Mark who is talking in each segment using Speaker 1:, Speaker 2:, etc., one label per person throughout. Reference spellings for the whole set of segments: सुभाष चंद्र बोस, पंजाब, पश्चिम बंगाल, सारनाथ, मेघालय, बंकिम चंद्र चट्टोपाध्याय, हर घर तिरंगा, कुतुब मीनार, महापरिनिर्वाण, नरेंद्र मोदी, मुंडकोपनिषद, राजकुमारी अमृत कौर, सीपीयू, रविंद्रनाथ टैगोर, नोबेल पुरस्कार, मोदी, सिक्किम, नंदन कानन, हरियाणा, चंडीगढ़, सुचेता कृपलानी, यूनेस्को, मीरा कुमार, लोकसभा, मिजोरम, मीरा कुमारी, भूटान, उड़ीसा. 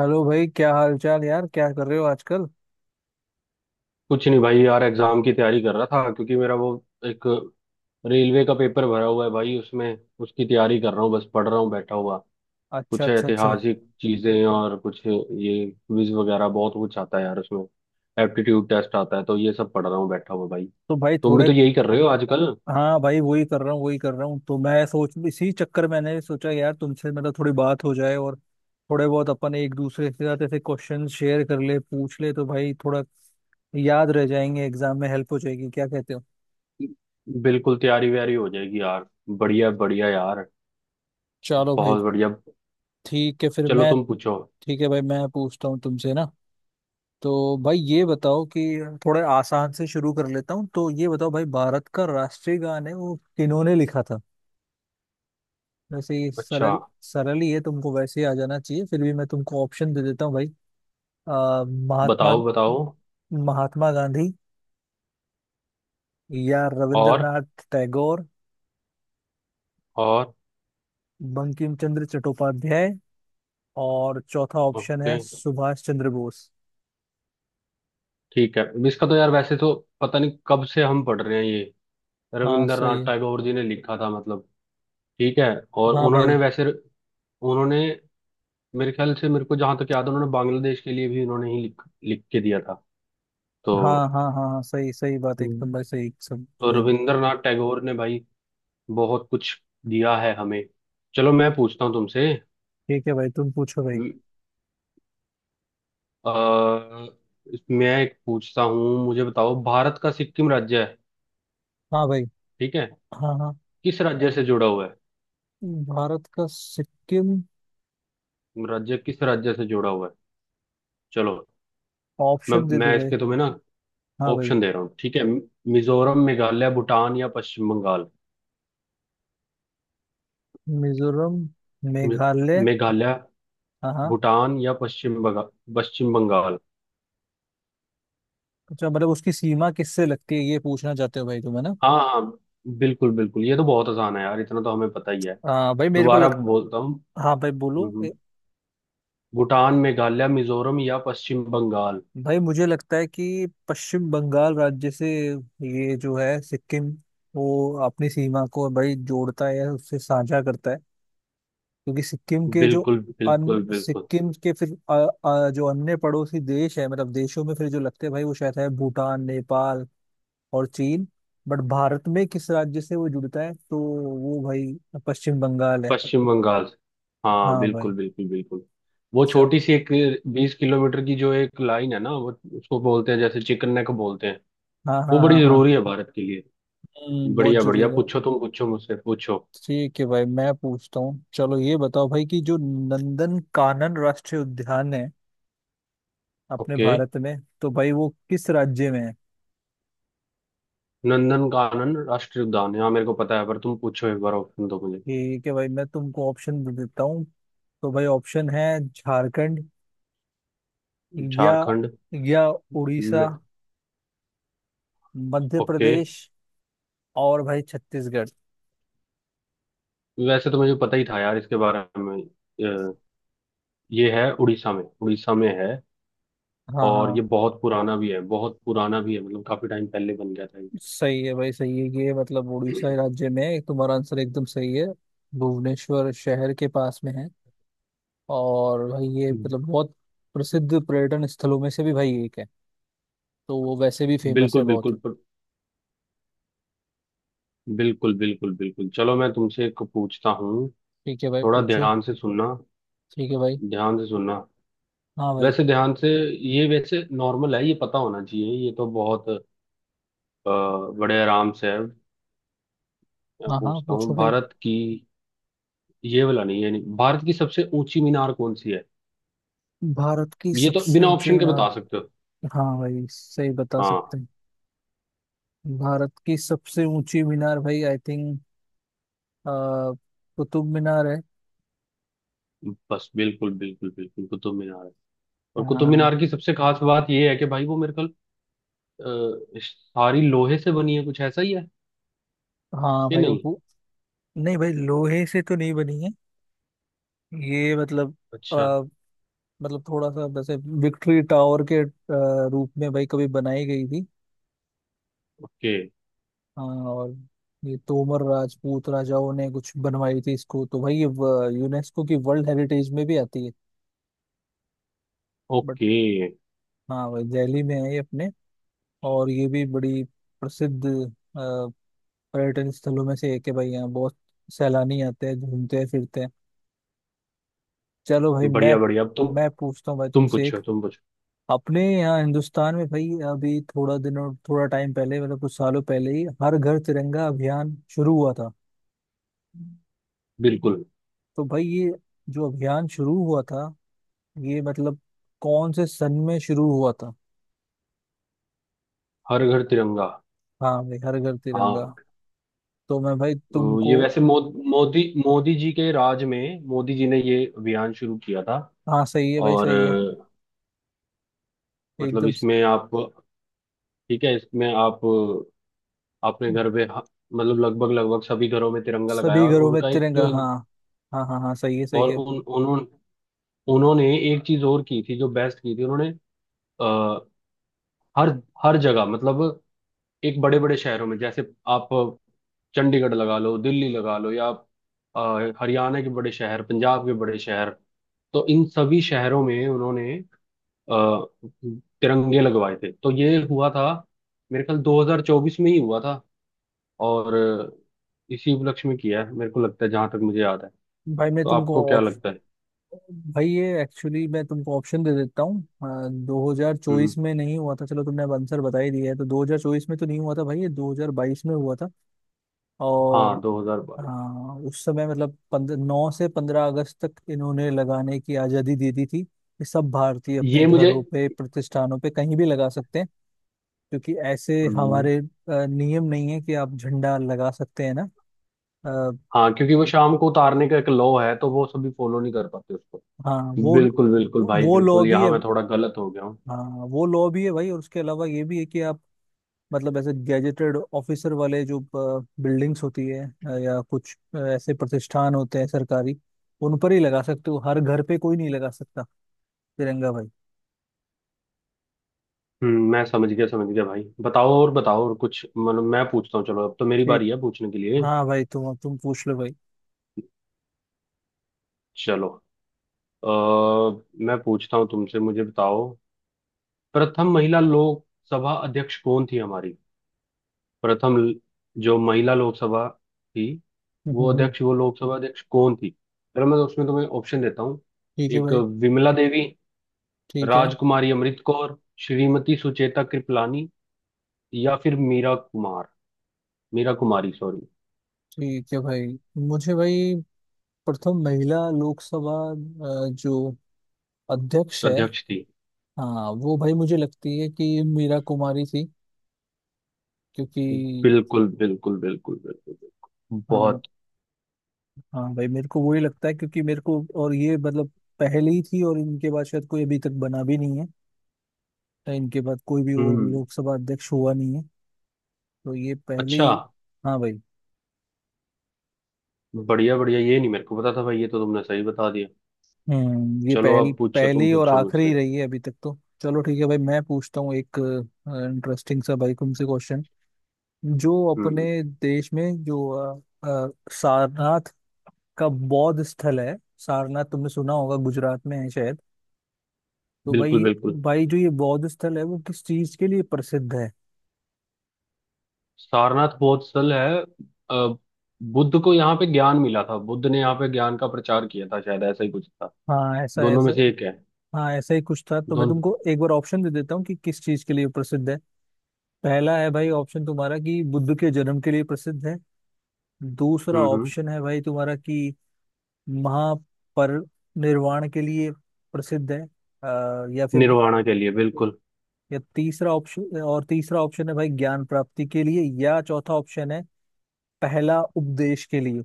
Speaker 1: Hello भाई, क्या हाल चाल यार? क्या कर रहे हो आजकल?
Speaker 2: कुछ नहीं भाई यार, एग्जाम की तैयारी कर रहा था क्योंकि मेरा वो एक रेलवे का पेपर भरा हुआ है भाई। उसमें उसकी तैयारी कर रहा हूँ, बस पढ़ रहा हूँ बैठा हुआ।
Speaker 1: अच्छा
Speaker 2: कुछ
Speaker 1: अच्छा अच्छा।
Speaker 2: ऐतिहासिक चीजें और कुछ ये क्विज वगैरह, बहुत कुछ आता है यार उसमें। एप्टीट्यूड टेस्ट आता है तो ये सब पढ़ रहा हूँ बैठा हुआ भाई।
Speaker 1: तो भाई
Speaker 2: तुम भी
Speaker 1: थोड़े।
Speaker 2: तो यही कर रहे हो आजकल।
Speaker 1: हाँ भाई, वही कर रहा हूँ, वही कर रहा हूँ। तो मैं सोच, इसी चक्कर में मैंने सोचा यार, तुमसे मतलब थोड़ी बात हो जाए और थोड़े बहुत अपन एक दूसरे के साथ ऐसे क्वेश्चन शेयर कर ले, पूछ ले, तो भाई थोड़ा याद रह जाएंगे, एग्जाम में हेल्प हो जाएगी। क्या कहते हो?
Speaker 2: बिल्कुल, तैयारी व्यारी हो जाएगी यार। बढ़िया बढ़िया यार,
Speaker 1: चलो भाई।
Speaker 2: बहुत बढ़िया।
Speaker 1: ठीक है, फिर
Speaker 2: चलो
Speaker 1: मैं।
Speaker 2: तुम पूछो।
Speaker 1: ठीक है भाई, मैं पूछता हूँ तुमसे ना। तो भाई ये बताओ कि, थोड़े आसान से शुरू कर लेता हूँ, तो ये बताओ भाई, भारत का राष्ट्रीय गान है, वो किन्होंने लिखा था? वैसे ही
Speaker 2: अच्छा,
Speaker 1: सरल सरल ही है, तुमको वैसे ही आ जाना चाहिए। फिर भी मैं तुमको ऑप्शन दे देता हूँ भाई। महात्मा,
Speaker 2: बताओ बताओ।
Speaker 1: महात्मा गांधी, या
Speaker 2: और
Speaker 1: रविंद्रनाथ टैगोर,
Speaker 2: और।
Speaker 1: बंकिम चंद्र चट्टोपाध्याय, और चौथा ऑप्शन
Speaker 2: ओके,
Speaker 1: है सुभाष चंद्र बोस।
Speaker 2: ठीक है। इसका तो यार वैसे तो पता नहीं कब से हम पढ़ रहे हैं ये।
Speaker 1: हाँ सही
Speaker 2: रविंद्रनाथ
Speaker 1: है।
Speaker 2: टैगोर जी ने लिखा था मतलब। ठीक है। और
Speaker 1: हाँ
Speaker 2: उन्होंने
Speaker 1: भाई।
Speaker 2: वैसे, उन्होंने मेरे ख्याल से, मेरे को जहां तक याद है, उन्होंने बांग्लादेश के लिए भी उन्होंने ही लिख लिख के दिया था तो।
Speaker 1: हाँ हाँ हाँ हाँ, सही सही बात है एकदम भाई, सही सब
Speaker 2: तो
Speaker 1: सही।
Speaker 2: रविंद्रनाथ टैगोर ने भाई बहुत कुछ दिया है हमें। चलो मैं पूछता हूँ तुमसे।
Speaker 1: ठीक है भाई, तुम पूछो भाई।
Speaker 2: आ, मैं एक पूछता हूँ, मुझे बताओ, भारत का सिक्किम राज्य है,
Speaker 1: हाँ भाई।
Speaker 2: ठीक है,
Speaker 1: हाँ हाँ।
Speaker 2: किस राज्य से जुड़ा हुआ है?
Speaker 1: भारत का सिक्किम।
Speaker 2: राज्य किस राज्य से जुड़ा हुआ है? चलो मैं
Speaker 1: ऑप्शन दे दो
Speaker 2: मैं
Speaker 1: भाई।
Speaker 2: इसके तुम्हें ना
Speaker 1: हाँ भाई।
Speaker 2: ऑप्शन दे रहा हूँ, ठीक है। मिजोरम, मेघालय, भूटान या पश्चिम बंगाल?
Speaker 1: मिजोरम,
Speaker 2: मे-
Speaker 1: मेघालय।
Speaker 2: मेघालय,
Speaker 1: हाँ हाँ।
Speaker 2: भूटान या पश्चिम बंगाल? पश्चिम बंगाल।
Speaker 1: अच्छा, मतलब उसकी सीमा किससे लगती है, ये पूछना चाहते हो भाई तुम, है ना?
Speaker 2: हाँ, हाँ बिल्कुल बिल्कुल, ये तो बहुत आसान है यार, इतना तो हमें पता ही है।
Speaker 1: भाई मेरे को
Speaker 2: दोबारा
Speaker 1: लग।
Speaker 2: बोलता हूँ।
Speaker 1: हाँ भाई
Speaker 2: हम्म,
Speaker 1: बोलो।
Speaker 2: हम्म, भूटान, मेघालय, मिजोरम या पश्चिम बंगाल?
Speaker 1: भाई मुझे लगता है कि पश्चिम बंगाल राज्य से ये जो है सिक्किम, वो अपनी सीमा को भाई जोड़ता है या उससे साझा करता है। क्योंकि सिक्किम के जो,
Speaker 2: बिल्कुल
Speaker 1: अन
Speaker 2: बिल्कुल बिल्कुल,
Speaker 1: सिक्किम के फिर जो अन्य पड़ोसी देश है, मतलब देशों में फिर जो लगते हैं भाई, वो शायद है भूटान, नेपाल और चीन। बट भारत में किस राज्य से वो जुड़ता है, तो वो भाई पश्चिम बंगाल है।
Speaker 2: पश्चिम बंगाल। हाँ,
Speaker 1: हाँ
Speaker 2: बिल्कुल
Speaker 1: भाई।
Speaker 2: बिल्कुल बिल्कुल। वो छोटी सी एक बीस किलोमीटर की जो एक लाइन है ना, वो उसको बोलते हैं, जैसे चिकन नेक बोलते हैं।
Speaker 1: हाँ
Speaker 2: वो
Speaker 1: हाँ
Speaker 2: बड़ी
Speaker 1: हाँ हाँ।
Speaker 2: जरूरी है भारत के लिए।
Speaker 1: बहुत
Speaker 2: बढ़िया बढ़िया,
Speaker 1: जरूरी है।
Speaker 2: पूछो तुम, पूछो मुझसे, पूछो।
Speaker 1: ठीक है भाई, मैं पूछता हूँ। चलो ये बताओ भाई कि जो नंदन कानन राष्ट्रीय उद्यान है अपने
Speaker 2: ओके।
Speaker 1: भारत में, तो भाई वो किस राज्य में है?
Speaker 2: नंदन कानन राष्ट्रीय उद्यान, यहाँ मेरे को पता है पर तुम पूछो एक बार, ऑप्शन दो मुझे।
Speaker 1: ठीक है भाई, मैं तुमको ऑप्शन दे देता हूँ। तो भाई ऑप्शन है झारखंड, या
Speaker 2: झारखंड,
Speaker 1: या उड़ीसा,
Speaker 2: न,
Speaker 1: मध्य
Speaker 2: ओके।
Speaker 1: प्रदेश और भाई छत्तीसगढ़।
Speaker 2: वैसे तो मुझे पता ही था यार इसके बारे में। ये है उड़ीसा में, उड़ीसा में है।
Speaker 1: हाँ
Speaker 2: और
Speaker 1: हाँ,
Speaker 2: ये बहुत पुराना भी है, बहुत पुराना भी है, मतलब काफी टाइम पहले बन गया था
Speaker 1: सही है भाई सही है। ये मतलब
Speaker 2: ये।
Speaker 1: उड़ीसा राज्य में है। तुम्हारा आंसर एकदम सही है। भुवनेश्वर शहर के पास में है। और भाई ये मतलब बहुत प्रसिद्ध पर्यटन स्थलों में से भी भाई एक है, तो वो वैसे भी फेमस है
Speaker 2: बिल्कुल
Speaker 1: बहुत।
Speaker 2: बिल्कुल बिल्कुल बिल्कुल बिल्कुल। चलो मैं तुमसे एक पूछता हूँ।
Speaker 1: ठीक है भाई
Speaker 2: थोड़ा
Speaker 1: पूछो।
Speaker 2: ध्यान से सुनना,
Speaker 1: ठीक है भाई।
Speaker 2: ध्यान से सुनना,
Speaker 1: हाँ भाई।
Speaker 2: वैसे ध्यान से। ये वैसे नॉर्मल है, ये पता होना चाहिए, ये तो बहुत अ, बड़े आराम से है। मैं
Speaker 1: हाँ हाँ
Speaker 2: पूछता हूँ
Speaker 1: पूछो भाई।
Speaker 2: भारत की, ये वाला नहीं है, नहीं, भारत की सबसे ऊंची मीनार कौन सी है?
Speaker 1: भारत की
Speaker 2: ये तो
Speaker 1: सबसे
Speaker 2: बिना
Speaker 1: ऊंची
Speaker 2: ऑप्शन के
Speaker 1: मीनार।
Speaker 2: बता सकते हो।
Speaker 1: हाँ भाई, सही बता सकते
Speaker 2: हाँ।
Speaker 1: हैं। भारत की सबसे ऊंची मीनार भाई, आई थिंक, कुतुब मीनार है।
Speaker 2: बस बिल्कुल बिल्कुल बिल्कुल, कुतुब मीनार है। और कुतुब
Speaker 1: हाँ।
Speaker 2: मीनार की सबसे खास बात ये है कि भाई वो मेरे ख्याल, सारी लोहे से बनी है, कुछ ऐसा ही है
Speaker 1: हाँ
Speaker 2: कि
Speaker 1: भाई वो
Speaker 2: नहीं?
Speaker 1: पु-। नहीं भाई, लोहे से तो नहीं बनी है। ये मतलब,
Speaker 2: अच्छा,
Speaker 1: अ, मतलब थोड़ा सा वैसे विक्ट्री टावर के रूप में भाई कभी बनाई गई थी।
Speaker 2: ओके
Speaker 1: हाँ। और ये तोमर राजपूत राजाओं ने कुछ बनवाई थी इसको, तो भाई ये व- यूनेस्को की वर्ल्ड हेरिटेज में भी आती है। But,
Speaker 2: okay.
Speaker 1: हाँ भाई दिल्ली में है ये अपने। और ये भी बड़ी प्रसिद्ध अ, पर्यटन स्थलों में से एक है भाई, यहाँ बहुत सैलानी आते हैं, घूमते हैं, फिरते हैं। चलो भाई मैं।
Speaker 2: बढ़िया बढ़िया, अब तुम
Speaker 1: मैं पूछता हूँ भाई
Speaker 2: तुम
Speaker 1: तुमसे एक।
Speaker 2: पूछो, तुम पूछो।
Speaker 1: अपने यहाँ हिंदुस्तान में भाई अभी थोड़ा दिनों, थोड़ा टाइम पहले, मतलब कुछ सालों पहले ही, हर घर तिरंगा अभियान शुरू हुआ था।
Speaker 2: बिल्कुल।
Speaker 1: तो भाई ये जो अभियान शुरू हुआ था, ये मतलब कौन से सन में शुरू हुआ था?
Speaker 2: हर घर तिरंगा,
Speaker 1: हाँ भाई, हर घर तिरंगा।
Speaker 2: हाँ।
Speaker 1: तो मैं भाई
Speaker 2: तो
Speaker 1: तुमको।
Speaker 2: ये वैसे मोदी, मोदी जी के राज में मोदी जी ने ये अभियान शुरू किया था।
Speaker 1: हाँ सही है भाई
Speaker 2: और
Speaker 1: सही है।
Speaker 2: मतलब
Speaker 1: एकदम स-।
Speaker 2: इसमें आप, ठीक है, इसमें आप अपने घर पे मतलब लगभग लगभग सभी घरों में तिरंगा लगाया,
Speaker 1: सभी
Speaker 2: और
Speaker 1: घरों में
Speaker 2: उनका एक
Speaker 1: तिरंगा।
Speaker 2: जो
Speaker 1: हाँ हाँ हाँ हाँ, सही है सही
Speaker 2: और
Speaker 1: है।
Speaker 2: उन उन्होंने उन्होंने एक चीज और की थी, जो बेस्ट की थी उन्होंने। अ, हर हर जगह मतलब एक बड़े बड़े शहरों में, जैसे आप चंडीगढ़ लगा लो, दिल्ली लगा लो, या आप हरियाणा के बड़े शहर, पंजाब के बड़े शहर, तो इन सभी शहरों में उन्होंने अ, तिरंगे लगवाए थे। तो ये हुआ था मेरे ख्याल 2024 में ही हुआ था, और इसी उपलक्ष्य में किया है मेरे को लगता है, जहां तक मुझे याद है।
Speaker 1: भाई मैं
Speaker 2: तो
Speaker 1: तुमको
Speaker 2: आपको क्या
Speaker 1: ऑप्श।
Speaker 2: लगता है?
Speaker 1: भाई ये एक्चुअली, मैं तुमको ऑप्शन दे देता हूँ। दो हजार
Speaker 2: हम्म।
Speaker 1: चौबीस में नहीं हुआ था। चलो तुमने अब आंसर बता ही दिया है, तो 2024 में तो नहीं हुआ था भाई, ये 2022 में हुआ था।
Speaker 2: हाँ,
Speaker 1: और,
Speaker 2: 2022।
Speaker 1: हाँ उस समय मतलब 15/9 से 15 अगस्त तक इन्होंने लगाने की आजादी दे दी थी, कि सब भारतीय अपने
Speaker 2: ये मुझे।
Speaker 1: घरों पे, प्रतिष्ठानों पे, कहीं भी लगा सकते हैं। क्योंकि ऐसे
Speaker 2: हम्म,
Speaker 1: हमारे नियम नहीं है कि आप झंडा लगा सकते हैं ना। आ,
Speaker 2: हाँ, क्योंकि वो शाम को उतारने का एक लॉ है तो वो सभी फॉलो नहीं कर पाते उसको।
Speaker 1: हाँ वो।
Speaker 2: बिल्कुल बिल्कुल भाई
Speaker 1: लॉ
Speaker 2: बिल्कुल,
Speaker 1: भी
Speaker 2: यहाँ
Speaker 1: है।
Speaker 2: मैं थोड़ा गलत हो गया हूँ।
Speaker 1: हाँ वो लॉ भी है भाई। और उसके अलावा ये भी है कि आप, मतलब ऐसे गैजेटेड ऑफिसर वाले जो बिल्डिंग्स होती है, या कुछ ऐसे प्रतिष्ठान होते हैं सरकारी, उन पर ही लगा सकते हो, हर घर पे कोई नहीं लगा सकता तिरंगा भाई।
Speaker 2: हम्म, मैं समझ गया, समझ गया भाई। बताओ और, बताओ और कुछ, मतलब मैं पूछता हूँ, चलो अब तो मेरी
Speaker 1: ठीक।
Speaker 2: बारी है पूछने के लिए।
Speaker 1: हाँ भाई, तुम पूछ लो भाई।
Speaker 2: चलो, अ, मैं पूछता हूँ तुमसे, मुझे बताओ, प्रथम महिला लोकसभा अध्यक्ष कौन थी हमारी? प्रथम ल- जो महिला लोकसभा थी,
Speaker 1: हम्म,
Speaker 2: वो
Speaker 1: हम्म, हम्म,
Speaker 2: अध्यक्ष, वो लोकसभा अध्यक्ष कौन थी? अगर मैं, तो उसमें तुम्हें ऑप्शन देता हूँ।
Speaker 1: ठीक है
Speaker 2: एक,
Speaker 1: भाई।
Speaker 2: विमला देवी,
Speaker 1: ठीक है।
Speaker 2: राजकुमारी अमृत कौर, श्रीमती सुचेता कृपलानी, या फिर मीरा कुमार, मीरा कुमारी सॉरी।
Speaker 1: ठीक है भाई। मुझे भाई, प्रथम महिला लोकसभा, जो अध्यक्ष है।
Speaker 2: अध्यक्ष थी।
Speaker 1: हाँ वो भाई मुझे लगती है कि मीरा कुमारी थी। क्योंकि।
Speaker 2: बिल्कुल बिल्कुल बिल्कुल बिल्कुल बिल्कुल,
Speaker 1: हाँ।
Speaker 2: बहुत।
Speaker 1: हाँ भाई, मेरे को वही लगता है, क्योंकि मेरे को और ये मतलब पहले ही थी, और इनके बाद शायद कोई अभी तक बना भी नहीं है। इनके बाद कोई भी और
Speaker 2: हम्म।
Speaker 1: लोकसभा अध्यक्ष हुआ नहीं है, तो ये पहले
Speaker 2: अच्छा,
Speaker 1: ही। हाँ भाई।
Speaker 2: बढ़िया बढ़िया, ये नहीं मेरे को पता था भाई, ये तो तुमने सही बता दिया।
Speaker 1: हम्म, ये
Speaker 2: चलो
Speaker 1: पहल
Speaker 2: अब पूछो, तुम
Speaker 1: पहली और
Speaker 2: पूछो
Speaker 1: आखिरी
Speaker 2: मुझसे।
Speaker 1: रही है अभी तक तो। चलो ठीक है भाई, मैं पूछता हूँ एक इंटरेस्टिंग सा भाई तुमसे क्वेश्चन। जो अपने
Speaker 2: हम्म।
Speaker 1: देश में जो सारनाथ का बौद्ध स्थल है। सारनाथ तुमने सुना होगा, गुजरात में है शायद। तो भाई
Speaker 2: बिल्कुल
Speaker 1: ये-
Speaker 2: बिल्कुल,
Speaker 1: भाई जो ये बौद्ध स्थल है, वो किस चीज के लिए प्रसिद्ध है?
Speaker 2: सारनाथ बौद्ध स्थल है। अ, बुद्ध को यहाँ पे ज्ञान मिला था, बुद्ध ने यहाँ पे ज्ञान का प्रचार किया था, शायद ऐसा ही कुछ था,
Speaker 1: हाँ ऐसा
Speaker 2: दोनों में
Speaker 1: ऐसा।
Speaker 2: से एक है।
Speaker 1: हाँ ऐसा ही कुछ था। तो मैं
Speaker 2: दोनों।
Speaker 1: तुमको एक बार ऑप्शन दे देता हूँ कि किस चीज के लिए प्रसिद्ध है। पहला है भाई ऑप्शन तुम्हारा, कि बुद्ध के जन्म के लिए प्रसिद्ध है। दूसरा
Speaker 2: हम्म।
Speaker 1: ऑप्शन है भाई तुम्हारा, कि महापरिनिर्वाण के लिए प्रसिद्ध है। या फिर,
Speaker 2: निर्वाणा के लिए, बिल्कुल।
Speaker 1: या तीसरा ऑप्शन, और तीसरा ऑप्शन है भाई ज्ञान प्राप्ति के लिए, या चौथा ऑप्शन है पहला उपदेश के लिए।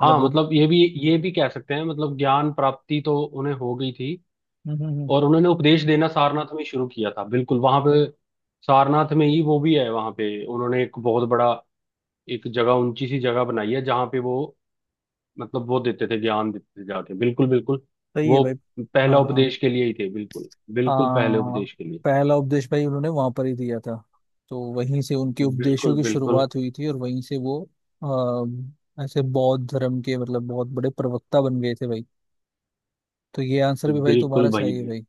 Speaker 1: मतलब
Speaker 2: हाँ
Speaker 1: बुद्ध।
Speaker 2: मतलब ये भी, ये भी कह सकते हैं, मतलब ज्ञान प्राप्ति तो उन्हें हो गई थी,
Speaker 1: हम्म हम्म, हम्म,
Speaker 2: और उन्होंने उपदेश देना सारनाथ में ही शुरू किया था, बिल्कुल वहां पे। सारनाथ में ही वो भी है, वहां पे उन्होंने एक बहुत बड़ा एक जगह, ऊंची सी जगह बनाई है, जहाँ पे वो मतलब वो देते थे, ज्ञान देते थे जाके, बिल्कुल बिल्कुल।
Speaker 1: सही है
Speaker 2: वो
Speaker 1: भाई। हाँ
Speaker 2: पहला
Speaker 1: हाँ।
Speaker 2: उपदेश के लिए ही थे, बिल्कुल
Speaker 1: आ,
Speaker 2: बिल्कुल, पहले उपदेश के लिए।
Speaker 1: पहला उपदेश भाई उन्होंने वहां पर ही दिया था। तो वहीं से उनके उपदेशों
Speaker 2: बिल्कुल
Speaker 1: की
Speaker 2: बिल्कुल
Speaker 1: शुरुआत हुई थी, और वहीं से वो ऐसे बौद्ध धर्म के मतलब बहुत बड़े प्रवक्ता बन गए थे भाई। तो ये आंसर भी भाई
Speaker 2: बिल्कुल
Speaker 1: तुम्हारा
Speaker 2: भाई
Speaker 1: सही है
Speaker 2: बिल्कुल।
Speaker 1: भाई।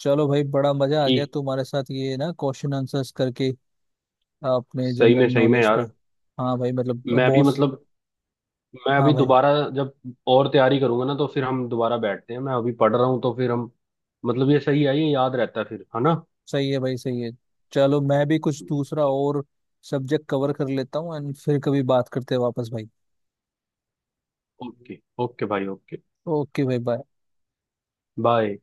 Speaker 1: चलो भाई, बड़ा मजा आ गया
Speaker 2: ठीक,
Speaker 1: तुम्हारे साथ ये ना क्वेश्चन आंसर्स करके अपने जनरल
Speaker 2: सही में
Speaker 1: नॉलेज पे।
Speaker 2: यार।
Speaker 1: हाँ भाई मतलब
Speaker 2: मैं भी
Speaker 1: बॉस।
Speaker 2: मतलब, मैं
Speaker 1: हाँ
Speaker 2: अभी
Speaker 1: भाई,
Speaker 2: दोबारा जब और तैयारी करूंगा ना, तो फिर हम दोबारा बैठते हैं, मैं अभी पढ़ रहा हूँ। तो फिर हम, मतलब ये सही है, ये याद रहता है फिर, है ना।
Speaker 1: सही है भाई सही है। चलो मैं भी कुछ दूसरा
Speaker 2: चल,
Speaker 1: और सब्जेक्ट कवर कर लेता हूँ, एंड फिर कभी बात करते हैं वापस भाई।
Speaker 2: ओके ओके भाई, ओके।
Speaker 1: ओके भाई, बाय।
Speaker 2: बाय।